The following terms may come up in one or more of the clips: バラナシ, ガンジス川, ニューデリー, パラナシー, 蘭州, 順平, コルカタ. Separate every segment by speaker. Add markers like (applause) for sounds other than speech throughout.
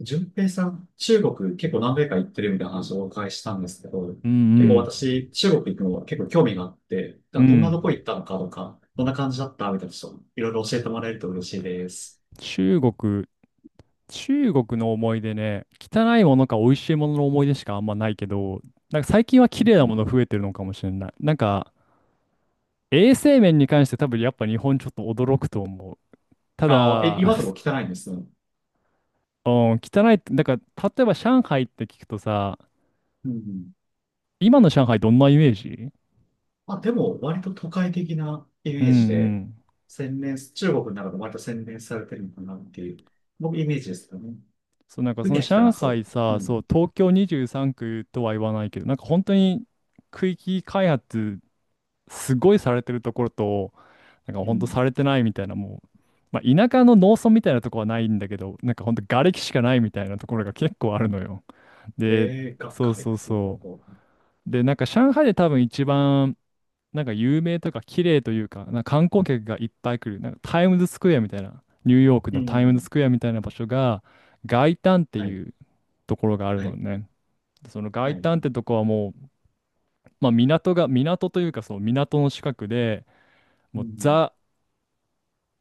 Speaker 1: 順平さん、中国結構何回か行ってるみたいな話をお伺いしたんですけど、
Speaker 2: う
Speaker 1: 結構
Speaker 2: ん
Speaker 1: 私、中国行くのは結構興味があって、だか
Speaker 2: うん。
Speaker 1: ら
Speaker 2: う
Speaker 1: どんなとこ行
Speaker 2: ん。
Speaker 1: ったのかとか、どんな感じだったみたいな人、ちょっといろいろ教えてもらえると嬉しいです。
Speaker 2: 中国、中国の思い出ね、汚いものか美味しいものの思い出しかあんまないけど、なんか最近は
Speaker 1: う
Speaker 2: 綺
Speaker 1: ん
Speaker 2: 麗
Speaker 1: う
Speaker 2: な
Speaker 1: ん。
Speaker 2: もの増えてるのかもしれない。なんか衛生面に関して多分やっぱ日本ちょっと驚くと思う。た
Speaker 1: ああ、え、
Speaker 2: だ、
Speaker 1: 今でも
Speaker 2: (laughs)
Speaker 1: 汚いんですね。
Speaker 2: うん、汚いって、だから例えば上海って聞くとさ、
Speaker 1: うんうん。
Speaker 2: 今の上海どんなイメージ？
Speaker 1: あ、でも割と都会的なイ
Speaker 2: うん
Speaker 1: メージ
Speaker 2: う
Speaker 1: で、
Speaker 2: ん。
Speaker 1: 洗練、中国の中で割と洗練されてるのかなっていう、僕イメージですよね。
Speaker 2: そう、なんかそ
Speaker 1: 海
Speaker 2: の
Speaker 1: は汚
Speaker 2: 上海
Speaker 1: そう。う
Speaker 2: さ、そ
Speaker 1: ん。
Speaker 2: う、東京23区とは言わないけど、なんか本当に区域開発すごいされてるところと、なんか
Speaker 1: う
Speaker 2: ほんと
Speaker 1: ん。
Speaker 2: されてないみたいな、もう、まあ、田舎の農村みたいなところはないんだけど、なんかほんと瓦礫しかないみたいなところが結構あるのよ。
Speaker 1: え
Speaker 2: で、
Speaker 1: えが、
Speaker 2: そう
Speaker 1: 外
Speaker 2: そう
Speaker 1: 国の方
Speaker 2: そう。
Speaker 1: と。
Speaker 2: で、なんか上海で多分一番、なんか有名とか綺麗というか、なんか観光客がいっぱい来る、なんかタイムズスクエアみたいな、ニューヨーク
Speaker 1: う
Speaker 2: のタイムズ
Speaker 1: ん。
Speaker 2: スクエアみたいな場所が、外灘って
Speaker 1: はい。
Speaker 2: いうところがある
Speaker 1: は
Speaker 2: の
Speaker 1: い。
Speaker 2: ね。その
Speaker 1: は
Speaker 2: 外
Speaker 1: い。
Speaker 2: 灘ってとこはもう、まあ、港が、港というかその港の近くで、
Speaker 1: う
Speaker 2: もう
Speaker 1: ん、
Speaker 2: ザ、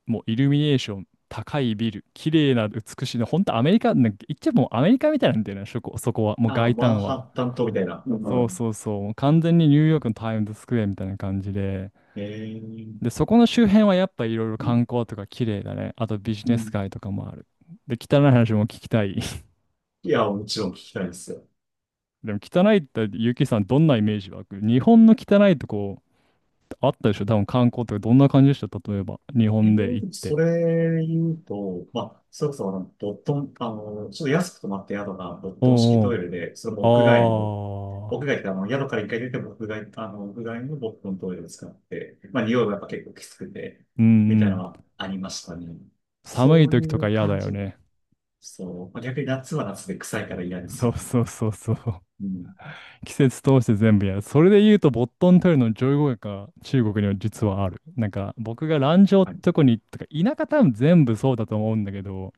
Speaker 2: もうイルミネーション、高いビル、綺麗な美しいの、本当アメリカ、なんか言っちゃもうアメリカみたいなんだよね、そこは、もう
Speaker 1: ああ、
Speaker 2: 外
Speaker 1: マン
Speaker 2: 観
Speaker 1: ハッ
Speaker 2: は。
Speaker 1: タン島みたいな。う
Speaker 2: そう
Speaker 1: ん。
Speaker 2: そうそう、もう完全にニューヨークのタイムズスクエアみたいな感じで、
Speaker 1: え
Speaker 2: で、
Speaker 1: え。
Speaker 2: そこの周辺はやっぱいろいろ観光とか綺麗だね。あとビジ
Speaker 1: う
Speaker 2: ネス
Speaker 1: ん。
Speaker 2: 街とかもある。で、汚い話も聞きたい。(laughs)
Speaker 1: いや、もちろん聞きたいですよ。
Speaker 2: でも汚いって、ゆきさんどんなイメージ湧く？日本の汚いとこあったでしょ？多分観光とかどんな感じでした？例えば、日本で行っ
Speaker 1: そ
Speaker 2: て。
Speaker 1: れ言うと、まあ、それこそボットン、ちょっと安く泊まった宿がボットン式
Speaker 2: お
Speaker 1: トイ
Speaker 2: う
Speaker 1: レで、それも屋外の、
Speaker 2: おう。ああ。
Speaker 1: 屋外って宿から1回出ても屋外、屋外のボットントイレを使って、まあ、匂いがやっぱ結構きつくて、
Speaker 2: う
Speaker 1: みたいな
Speaker 2: ん、
Speaker 1: のはありましたね。
Speaker 2: 寒い
Speaker 1: そう
Speaker 2: 時
Speaker 1: い
Speaker 2: とか
Speaker 1: う
Speaker 2: 嫌だ
Speaker 1: 感
Speaker 2: よ
Speaker 1: じ。
Speaker 2: ね。
Speaker 1: そう。まあ逆に夏は夏で臭いから嫌です
Speaker 2: そ
Speaker 1: よ
Speaker 2: う
Speaker 1: ね。
Speaker 2: そうそうそう。
Speaker 1: うん。
Speaker 2: (laughs) 季節通して全部やる。それで言うと、ボットントイレの上位互換が中国には実はある。なんか、僕が蘭州って
Speaker 1: はい。
Speaker 2: とこに、とか、田舎多分全部そうだと思うんだけど、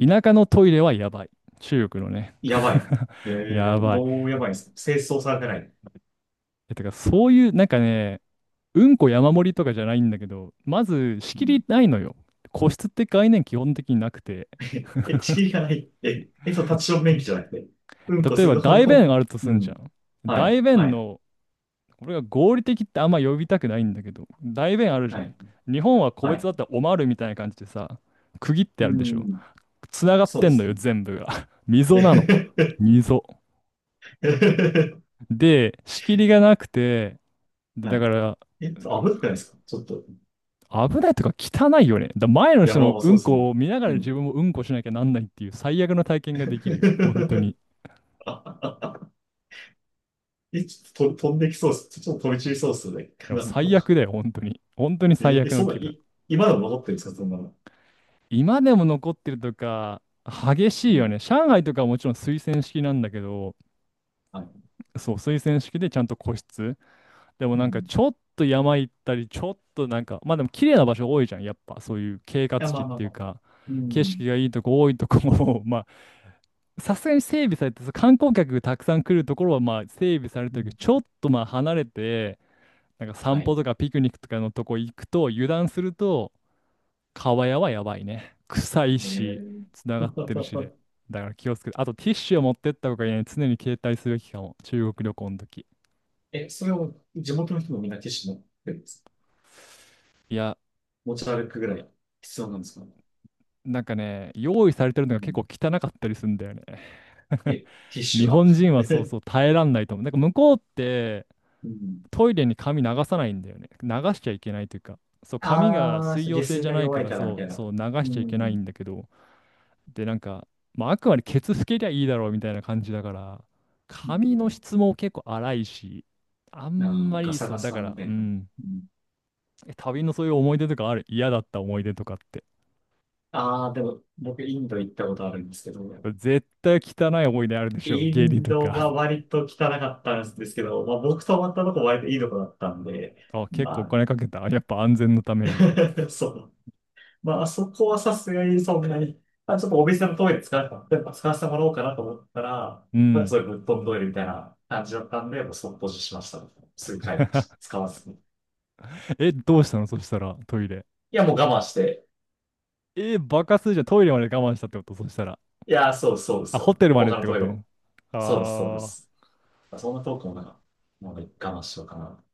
Speaker 2: 田舎のトイレはやばい。中国のね。
Speaker 1: やばい。え
Speaker 2: (laughs) やばい。
Speaker 1: どうやばいんですか？清掃されてない。
Speaker 2: え、てか、そういう、なんかね、うんこ山盛りとかじゃないんだけど、まず仕
Speaker 1: う
Speaker 2: 切
Speaker 1: ん。
Speaker 2: りないのよ。個室って概念基本的になくて。
Speaker 1: (laughs) え、仕切りがない。え、え、そう、立ちション便器じゃなくて。うんこ
Speaker 2: 例え
Speaker 1: する
Speaker 2: ば
Speaker 1: ところ
Speaker 2: 大便
Speaker 1: も、
Speaker 2: あるとす
Speaker 1: う
Speaker 2: んじゃ
Speaker 1: ん。
Speaker 2: ん。
Speaker 1: はい、
Speaker 2: 大便
Speaker 1: はい、
Speaker 2: の、これが合理的ってあんま呼びたくないんだけど、代弁あるじゃ
Speaker 1: は
Speaker 2: ん。
Speaker 1: い、
Speaker 2: 日本は個
Speaker 1: は
Speaker 2: 別
Speaker 1: い。
Speaker 2: だったらおまるみたいな感じでさ、区切ってあ
Speaker 1: う
Speaker 2: るでしょ。
Speaker 1: ん、
Speaker 2: つながっ
Speaker 1: そう
Speaker 2: て
Speaker 1: で
Speaker 2: んの
Speaker 1: す
Speaker 2: よ、
Speaker 1: ね。
Speaker 2: 全部が。(laughs) 溝
Speaker 1: え
Speaker 2: なの。
Speaker 1: へ
Speaker 2: 溝。
Speaker 1: へへへ。
Speaker 2: で、仕切りがなくて、で、
Speaker 1: は
Speaker 2: だか
Speaker 1: い。
Speaker 2: ら、
Speaker 1: 危なくないですかちょっと、
Speaker 2: 危ないとか汚いよね。だ前の人
Speaker 1: 山
Speaker 2: の
Speaker 1: は
Speaker 2: う
Speaker 1: そう
Speaker 2: ん
Speaker 1: ですね。
Speaker 2: こを見なが
Speaker 1: う
Speaker 2: ら自
Speaker 1: ん。
Speaker 2: 分もうんこしなきゃなんないっていう最悪の体験ができるよ。本当
Speaker 1: (laughs)
Speaker 2: に。
Speaker 1: え、ちょっとと飛んできそうです。ちょっと飛び散りそうですよね。(laughs)
Speaker 2: でも
Speaker 1: なんだ
Speaker 2: 最
Speaker 1: ろ
Speaker 2: 悪だよ、本当に。本当に
Speaker 1: う。
Speaker 2: 最
Speaker 1: え、え
Speaker 2: 悪
Speaker 1: そ
Speaker 2: の
Speaker 1: んな、
Speaker 2: 気分。
Speaker 1: い、今でも残ってるんですかそんなの。
Speaker 2: 今でも残ってるとか、激し
Speaker 1: う
Speaker 2: いよ
Speaker 1: ん。
Speaker 2: ね。上海とかはもちろん推薦式なんだけど、
Speaker 1: はい。
Speaker 2: そう、推薦式でちゃんと個室。でも
Speaker 1: う
Speaker 2: なんか
Speaker 1: ん。
Speaker 2: ちょっと山行ったり、ちょっとなんか、まあでも綺麗な場所多いじゃん、やっぱ。そういう景勝
Speaker 1: や、ま
Speaker 2: 地っ
Speaker 1: あまあ
Speaker 2: ていう
Speaker 1: まあ。
Speaker 2: か、
Speaker 1: う
Speaker 2: 景
Speaker 1: ん。
Speaker 2: 色がいいとこ多いとこも、(laughs) まあ、さすがに整備されて、そう観光客がたくさん来るところはまあ整備され
Speaker 1: う
Speaker 2: てるけど、ち
Speaker 1: ん。
Speaker 2: ょっとまあ離れて、なんか散
Speaker 1: は
Speaker 2: 歩
Speaker 1: い。
Speaker 2: とかピクニックとかのとこ行くと、油断すると、川屋はやばいね。臭い
Speaker 1: え
Speaker 2: し、
Speaker 1: ー、
Speaker 2: つながってるしで。
Speaker 1: (laughs)
Speaker 2: だから気をつけて。あとティッシュを持ってった方がいいね。常に携帯すべきかも。中国旅行の時。
Speaker 1: え、それを地元の人もみんなティッシュ持ってるんですか？
Speaker 2: いや、
Speaker 1: 持ち歩くぐらい必要なんですか？
Speaker 2: なんかね、用意されてるの
Speaker 1: う
Speaker 2: が結
Speaker 1: ん。
Speaker 2: 構汚かったりするんだよね。
Speaker 1: え、
Speaker 2: (laughs)
Speaker 1: ティッシ
Speaker 2: 日
Speaker 1: ュは
Speaker 2: 本人はそうそう
Speaker 1: (laughs)
Speaker 2: 耐えらんないと思う。なんか向こうって
Speaker 1: うん。
Speaker 2: トイレに髪流さないんだよね。流しちゃいけないというか、そう、髪が
Speaker 1: ああ、
Speaker 2: 水
Speaker 1: そう
Speaker 2: 溶
Speaker 1: 下
Speaker 2: 性
Speaker 1: 水
Speaker 2: じゃ
Speaker 1: が
Speaker 2: ない
Speaker 1: 弱
Speaker 2: か
Speaker 1: い
Speaker 2: ら、
Speaker 1: からみ
Speaker 2: そ
Speaker 1: たい
Speaker 2: う、
Speaker 1: な。
Speaker 2: そう流
Speaker 1: う
Speaker 2: しちゃいけないん
Speaker 1: ん。
Speaker 2: だけど、で、なんか、まあ、あくまでケツ拭けりゃいいだろうみたいな感じだから、
Speaker 1: うん。
Speaker 2: 髪の質も結構荒いし、あ
Speaker 1: あ
Speaker 2: ん
Speaker 1: ー、
Speaker 2: ま
Speaker 1: ガ
Speaker 2: り
Speaker 1: サ
Speaker 2: そ
Speaker 1: ガ
Speaker 2: う、だか
Speaker 1: サみ
Speaker 2: ら、
Speaker 1: た
Speaker 2: う
Speaker 1: いな。
Speaker 2: ん、
Speaker 1: うん。
Speaker 2: え、旅のそういう思い出とかある？嫌だった思い出とかって。
Speaker 1: ああ、でも、僕、インド行ったことあるんですけど、
Speaker 2: 絶対汚い思い出あるでしょ？
Speaker 1: イ
Speaker 2: 下痢
Speaker 1: ン
Speaker 2: と
Speaker 1: ド
Speaker 2: か。
Speaker 1: は
Speaker 2: (laughs)
Speaker 1: 割と汚かったんですけど、まあ、僕泊まったとこ割といいとこだったんで、
Speaker 2: あ、結構お
Speaker 1: ま
Speaker 2: 金かけた？やっぱ安全のために。
Speaker 1: あ、(laughs) そう。まあ、あそこはさすがにそんなに、あ、ちょっとお店のトイレ使わせて、やっぱ使わせてもらおうかなと思ったら、
Speaker 2: う
Speaker 1: まあ、
Speaker 2: ん。
Speaker 1: そういうぶっ飛んトイレみたいな感じだったんで、もうそっと閉じしました。すぐ帰りました。使わずに。い
Speaker 2: え、どうしたのそしたら、トイレ。
Speaker 1: や、もう我慢して。
Speaker 2: え、バカするじゃん。トイレまで我慢したってことそしたら？
Speaker 1: いや、そうです、そうで
Speaker 2: あ、
Speaker 1: す
Speaker 2: ホ
Speaker 1: よ。
Speaker 2: テルまでっ
Speaker 1: 他の
Speaker 2: てこ
Speaker 1: トイレ。
Speaker 2: と？あ
Speaker 1: そうです、そうで
Speaker 2: ー。
Speaker 1: す。まあそんな遠くもなんか、もう我慢しようかな。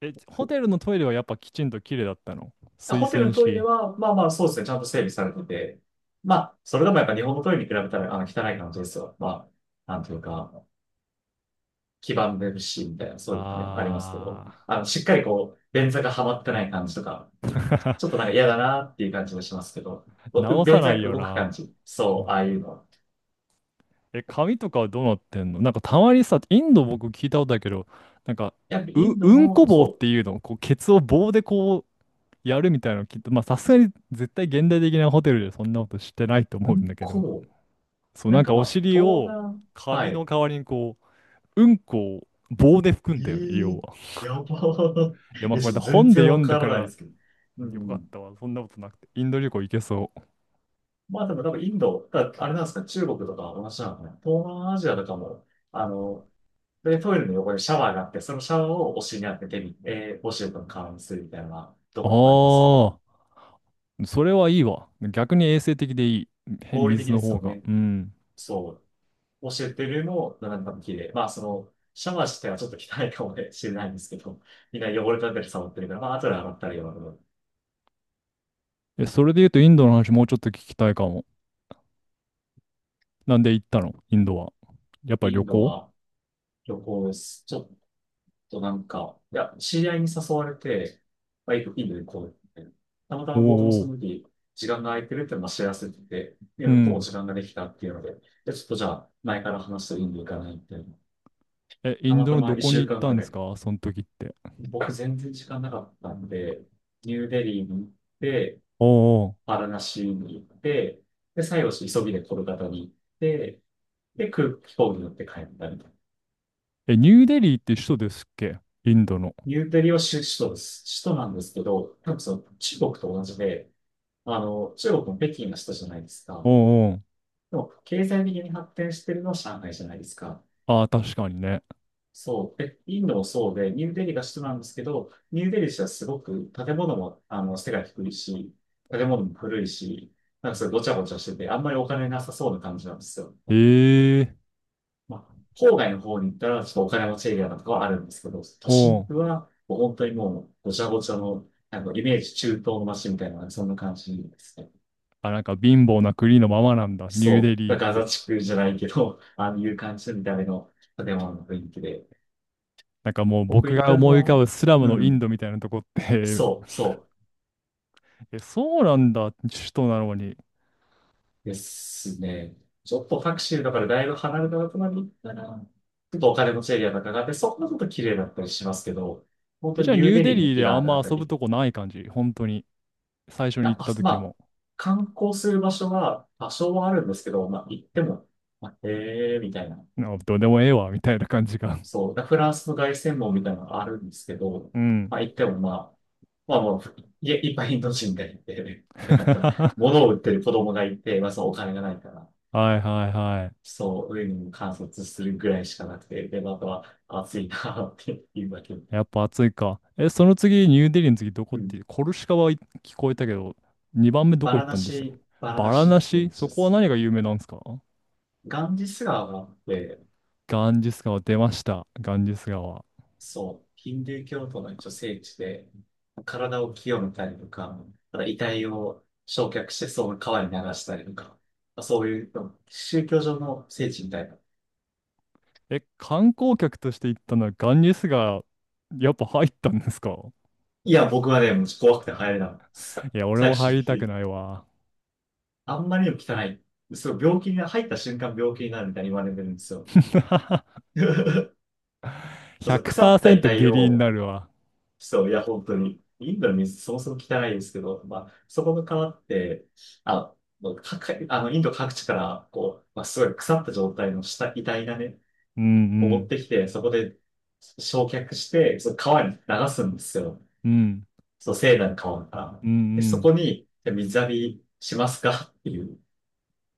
Speaker 2: え、ホテルのトイレはやっぱきちんと綺麗だったの？水
Speaker 1: ホテル
Speaker 2: 洗
Speaker 1: のトイレ
Speaker 2: 式。
Speaker 1: は、まあまあそうですね、ちゃんと整備されてて、まあ、それでもやっぱ日本のトイレに比べたら、汚い感じですよ。まあ、なんというか、黄ばんでるし、みたいな、そういうのがねありますけど、
Speaker 2: あ
Speaker 1: しっかりこう、便座がはまってない感じとか、
Speaker 2: ー。
Speaker 1: ちょっと
Speaker 2: (laughs)
Speaker 1: なんか嫌だなっていう感じもしますけど、う
Speaker 2: 直さ
Speaker 1: 便
Speaker 2: な
Speaker 1: 座
Speaker 2: い
Speaker 1: が
Speaker 2: よ
Speaker 1: 動く
Speaker 2: な。
Speaker 1: 感じ。
Speaker 2: う
Speaker 1: そ
Speaker 2: ん、
Speaker 1: う、ああいうのは。
Speaker 2: え、髪とかはどうなってんの？なんかたまにさ、インド僕聞いたことだけど、なんか、
Speaker 1: いや、イ
Speaker 2: う、
Speaker 1: ンド
Speaker 2: うんこ
Speaker 1: も、
Speaker 2: 棒っ
Speaker 1: そ
Speaker 2: ていうの、こう、ケツを棒でこやるみたいなのきっと、まあさすがに絶対現代的なホテルでそんなことしてないと
Speaker 1: う、う
Speaker 2: 思うんだ
Speaker 1: ん
Speaker 2: けど、
Speaker 1: こ、
Speaker 2: そう
Speaker 1: な
Speaker 2: な
Speaker 1: ん
Speaker 2: ん
Speaker 1: か
Speaker 2: か
Speaker 1: ま
Speaker 2: お
Speaker 1: あ、
Speaker 2: 尻
Speaker 1: 東
Speaker 2: を
Speaker 1: 南、は
Speaker 2: 紙
Speaker 1: い。
Speaker 2: の代わりにこう、うんこを棒で拭く
Speaker 1: え
Speaker 2: んだよね、要
Speaker 1: ー、
Speaker 2: は。い
Speaker 1: やばー。
Speaker 2: や
Speaker 1: (laughs)
Speaker 2: まあ
Speaker 1: え、
Speaker 2: こ
Speaker 1: ち
Speaker 2: れ
Speaker 1: ょっ
Speaker 2: で
Speaker 1: と全
Speaker 2: 本で
Speaker 1: 然
Speaker 2: 読
Speaker 1: わ
Speaker 2: んだ
Speaker 1: か
Speaker 2: か
Speaker 1: らないで
Speaker 2: ら
Speaker 1: すけど。う
Speaker 2: よかっ
Speaker 1: ん。
Speaker 2: たわ、そんなことなくて。インド旅行行けそう。
Speaker 1: まあでも多分インド、だあれなんですか、中国とか同じなのかな。東南アジアとかも、あの、で、トイレの横にシャワーがあって、そのシャワーをお尻に当ててみ、お尻との顔にするみたいなところもありますよね。
Speaker 2: ああ、それはいいわ。逆に衛生的でいい。へ
Speaker 1: 合理的
Speaker 2: 水
Speaker 1: で
Speaker 2: の
Speaker 1: す
Speaker 2: 方
Speaker 1: よ
Speaker 2: が。
Speaker 1: ね。
Speaker 2: うん。
Speaker 1: そう。教えてるのも、なんか綺麗。まあ、その、シャワー自体はちょっと汚いかもしれないんですけど、みんな汚れたり触ってるから、まあ、後で洗ったりは、
Speaker 2: え、それで言うとインドの話もうちょっと聞きたいかも。なんで行ったのインドは。やっぱり
Speaker 1: イ
Speaker 2: 旅
Speaker 1: ンド
Speaker 2: 行？
Speaker 1: は旅行です。ちょっととなんか、いや、知り合いに誘われて、まあ、インドでこう、たまた
Speaker 2: おー
Speaker 1: ま僕もそ
Speaker 2: お
Speaker 1: の
Speaker 2: ー。
Speaker 1: 時、時間が空いてるっていうのは知らせてて、で、
Speaker 2: う
Speaker 1: 向こうも
Speaker 2: ん。
Speaker 1: 時間ができたっていうので、で、ちょっとじゃあ、前から話してインド行かないみたいな。
Speaker 2: え、イ
Speaker 1: た
Speaker 2: ン
Speaker 1: ま
Speaker 2: ド
Speaker 1: た
Speaker 2: の
Speaker 1: ま
Speaker 2: どこ
Speaker 1: 一
Speaker 2: に
Speaker 1: 週
Speaker 2: 行っ
Speaker 1: 間
Speaker 2: た
Speaker 1: ぐ
Speaker 2: んで
Speaker 1: ら
Speaker 2: す
Speaker 1: い。
Speaker 2: かその時って。
Speaker 1: 僕全然時間なかったんで、ニューデリーに行って、
Speaker 2: おうおう、
Speaker 1: パラナシーに行って、で、最後、急ぎでコルカタに行って、で、空飛行機に乗って帰ったみたいな。
Speaker 2: え、ニューデリーって首都ですっけインドの。
Speaker 1: ニューデリーは首都です。首都なんですけど、多分その中国と同じで、中国も北京の首都じゃないです
Speaker 2: お
Speaker 1: か。
Speaker 2: うおう、
Speaker 1: でも、経済的に発展してるのは上海じゃないですか。
Speaker 2: ああ、確かにね。
Speaker 1: そう。え、インドもそうで、ニューデリーが首都なんですけど、ニューデリー自体はすごく建物も、背が低いし、建物も古いし、なんかそれごちゃごちゃしてて、あんまりお金なさそうな感じなんですよ。
Speaker 2: ええ、
Speaker 1: まあ、郊外の方に行ったら、ちょっとお金持ちエリアとかはあるんですけど、都心
Speaker 2: お
Speaker 1: 部
Speaker 2: う。
Speaker 1: は、もう本当にもう、ごちゃごちゃの、なんかイメージ中東の街みたいな、そんな感じですね。
Speaker 2: あ、なんか貧乏な国のままなんだ、ニュー
Speaker 1: そ
Speaker 2: デリ
Speaker 1: う。
Speaker 2: ーっ
Speaker 1: ガザ
Speaker 2: て。
Speaker 1: 地区じゃないけど、(laughs) ああいう感じの見た目の建物の雰囲気で。
Speaker 2: なんかもう
Speaker 1: 僕
Speaker 2: 僕
Speaker 1: 行っ
Speaker 2: が
Speaker 1: たの
Speaker 2: 思い浮かぶ
Speaker 1: は、
Speaker 2: スラム
Speaker 1: う
Speaker 2: のインド
Speaker 1: ん、
Speaker 2: みたいなとこって？
Speaker 1: そう、そ
Speaker 2: (laughs) え、そうなんだ、首都なのに。
Speaker 1: うですね。ちょっとタクシーだからだいぶ離れたとこまで行ったら、ちょっとお金持ちエリアとかがあって、そこはちょっと綺麗だったりしますけど、本
Speaker 2: え、
Speaker 1: 当
Speaker 2: じ
Speaker 1: に
Speaker 2: ゃあ
Speaker 1: ニ
Speaker 2: ニ
Speaker 1: ュー
Speaker 2: ュー
Speaker 1: デ
Speaker 2: デ
Speaker 1: リーに
Speaker 2: リー
Speaker 1: 木
Speaker 2: で
Speaker 1: が
Speaker 2: あ
Speaker 1: あ
Speaker 2: ん
Speaker 1: るあ
Speaker 2: ま
Speaker 1: た
Speaker 2: 遊ぶ
Speaker 1: り、
Speaker 2: とこない感じ、本当に。最初に
Speaker 1: な
Speaker 2: 行
Speaker 1: ん
Speaker 2: っ
Speaker 1: か、
Speaker 2: た
Speaker 1: ま
Speaker 2: 時
Speaker 1: あ、
Speaker 2: も。
Speaker 1: 観光する場所は多少はあるんですけど、まあ、行っても、まあ、へえ、みたいな。
Speaker 2: なんかどうでもええわ、みたいな感じが。(laughs)
Speaker 1: そう、だフランスの凱旋門みたいなのがあるんですけど、
Speaker 2: うん。
Speaker 1: まあ、行ってもまあ、まあもう、いいっぱいインド人がいて、
Speaker 2: (laughs)
Speaker 1: でなんか、
Speaker 2: は
Speaker 1: 物を売ってる子供がいて、まあ、そのお金がないから、
Speaker 2: いはいはい。
Speaker 1: そう、上に観察するぐらいしかなくて、で、まああとは暑いなっていうだけ。
Speaker 2: やっぱ暑いか。え、その次、ニューデリーの次どこ
Speaker 1: う
Speaker 2: っ
Speaker 1: ん。
Speaker 2: て、コルシカはい聞こえたけど、2番目ど
Speaker 1: バ
Speaker 2: こ行
Speaker 1: ラ
Speaker 2: った
Speaker 1: ナ
Speaker 2: んでしたっけ？
Speaker 1: シ、バラ
Speaker 2: バ
Speaker 1: ナ
Speaker 2: ラ
Speaker 1: シっ
Speaker 2: ナ
Speaker 1: ていうん
Speaker 2: シ
Speaker 1: で
Speaker 2: そこは
Speaker 1: すよ。
Speaker 2: 何が有名なんですか？
Speaker 1: ガンジス川があって、
Speaker 2: ガンジス川出ました。ガンジス川。
Speaker 1: そう、ヒンドゥー教徒の一応聖地で、体を清めたりとか、ただ遺体を焼却してその川に流したりとか、そういう宗教上の聖地みたいな。
Speaker 2: え、観光客として行ったのはガンジス川、やっぱ入ったんですか？
Speaker 1: いや、僕はね、もう怖くて入れないです。
Speaker 2: いや、俺
Speaker 1: 最
Speaker 2: も入
Speaker 1: 終
Speaker 2: り
Speaker 1: 的
Speaker 2: たく
Speaker 1: に。
Speaker 2: ないわ。
Speaker 1: あんまりにも汚い。そう病気に入った瞬間病気になるみたいに言われてるんですよ。
Speaker 2: (laughs)
Speaker 1: (laughs) そう腐った遺
Speaker 2: 100%
Speaker 1: 体
Speaker 2: 下痢に
Speaker 1: を、
Speaker 2: なるわ。
Speaker 1: そう、いや、本当に。インドの水そもそも汚いですけど、まあ、そこが変わって、あ、もうかかインド各地から、こう、まあ、すごい腐った状態の下、遺体がね、
Speaker 2: うん
Speaker 1: を
Speaker 2: う
Speaker 1: 持っ
Speaker 2: ん。
Speaker 1: てきて、そこで焼却して、その川に流すんですよ。
Speaker 2: うん。
Speaker 1: そう、聖なる川から。
Speaker 2: うん
Speaker 1: で、
Speaker 2: う
Speaker 1: そこ
Speaker 2: ん、
Speaker 1: に、じゃあ水浴びしますか？っていう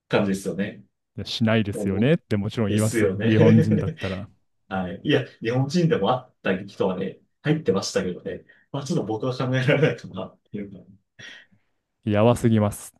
Speaker 1: 感じですよね。
Speaker 2: しないで
Speaker 1: も
Speaker 2: す
Speaker 1: う
Speaker 2: よ
Speaker 1: も
Speaker 2: ね
Speaker 1: う
Speaker 2: ってもちろん言
Speaker 1: で
Speaker 2: いま
Speaker 1: す
Speaker 2: す
Speaker 1: よ
Speaker 2: よ。日本人だっ
Speaker 1: ね。
Speaker 2: たら。
Speaker 1: (laughs) はい。いや、日本人でもあった人はね、入ってましたけどね。まあ、ちょっと僕は考えられないかなっていうか。
Speaker 2: やばすぎます。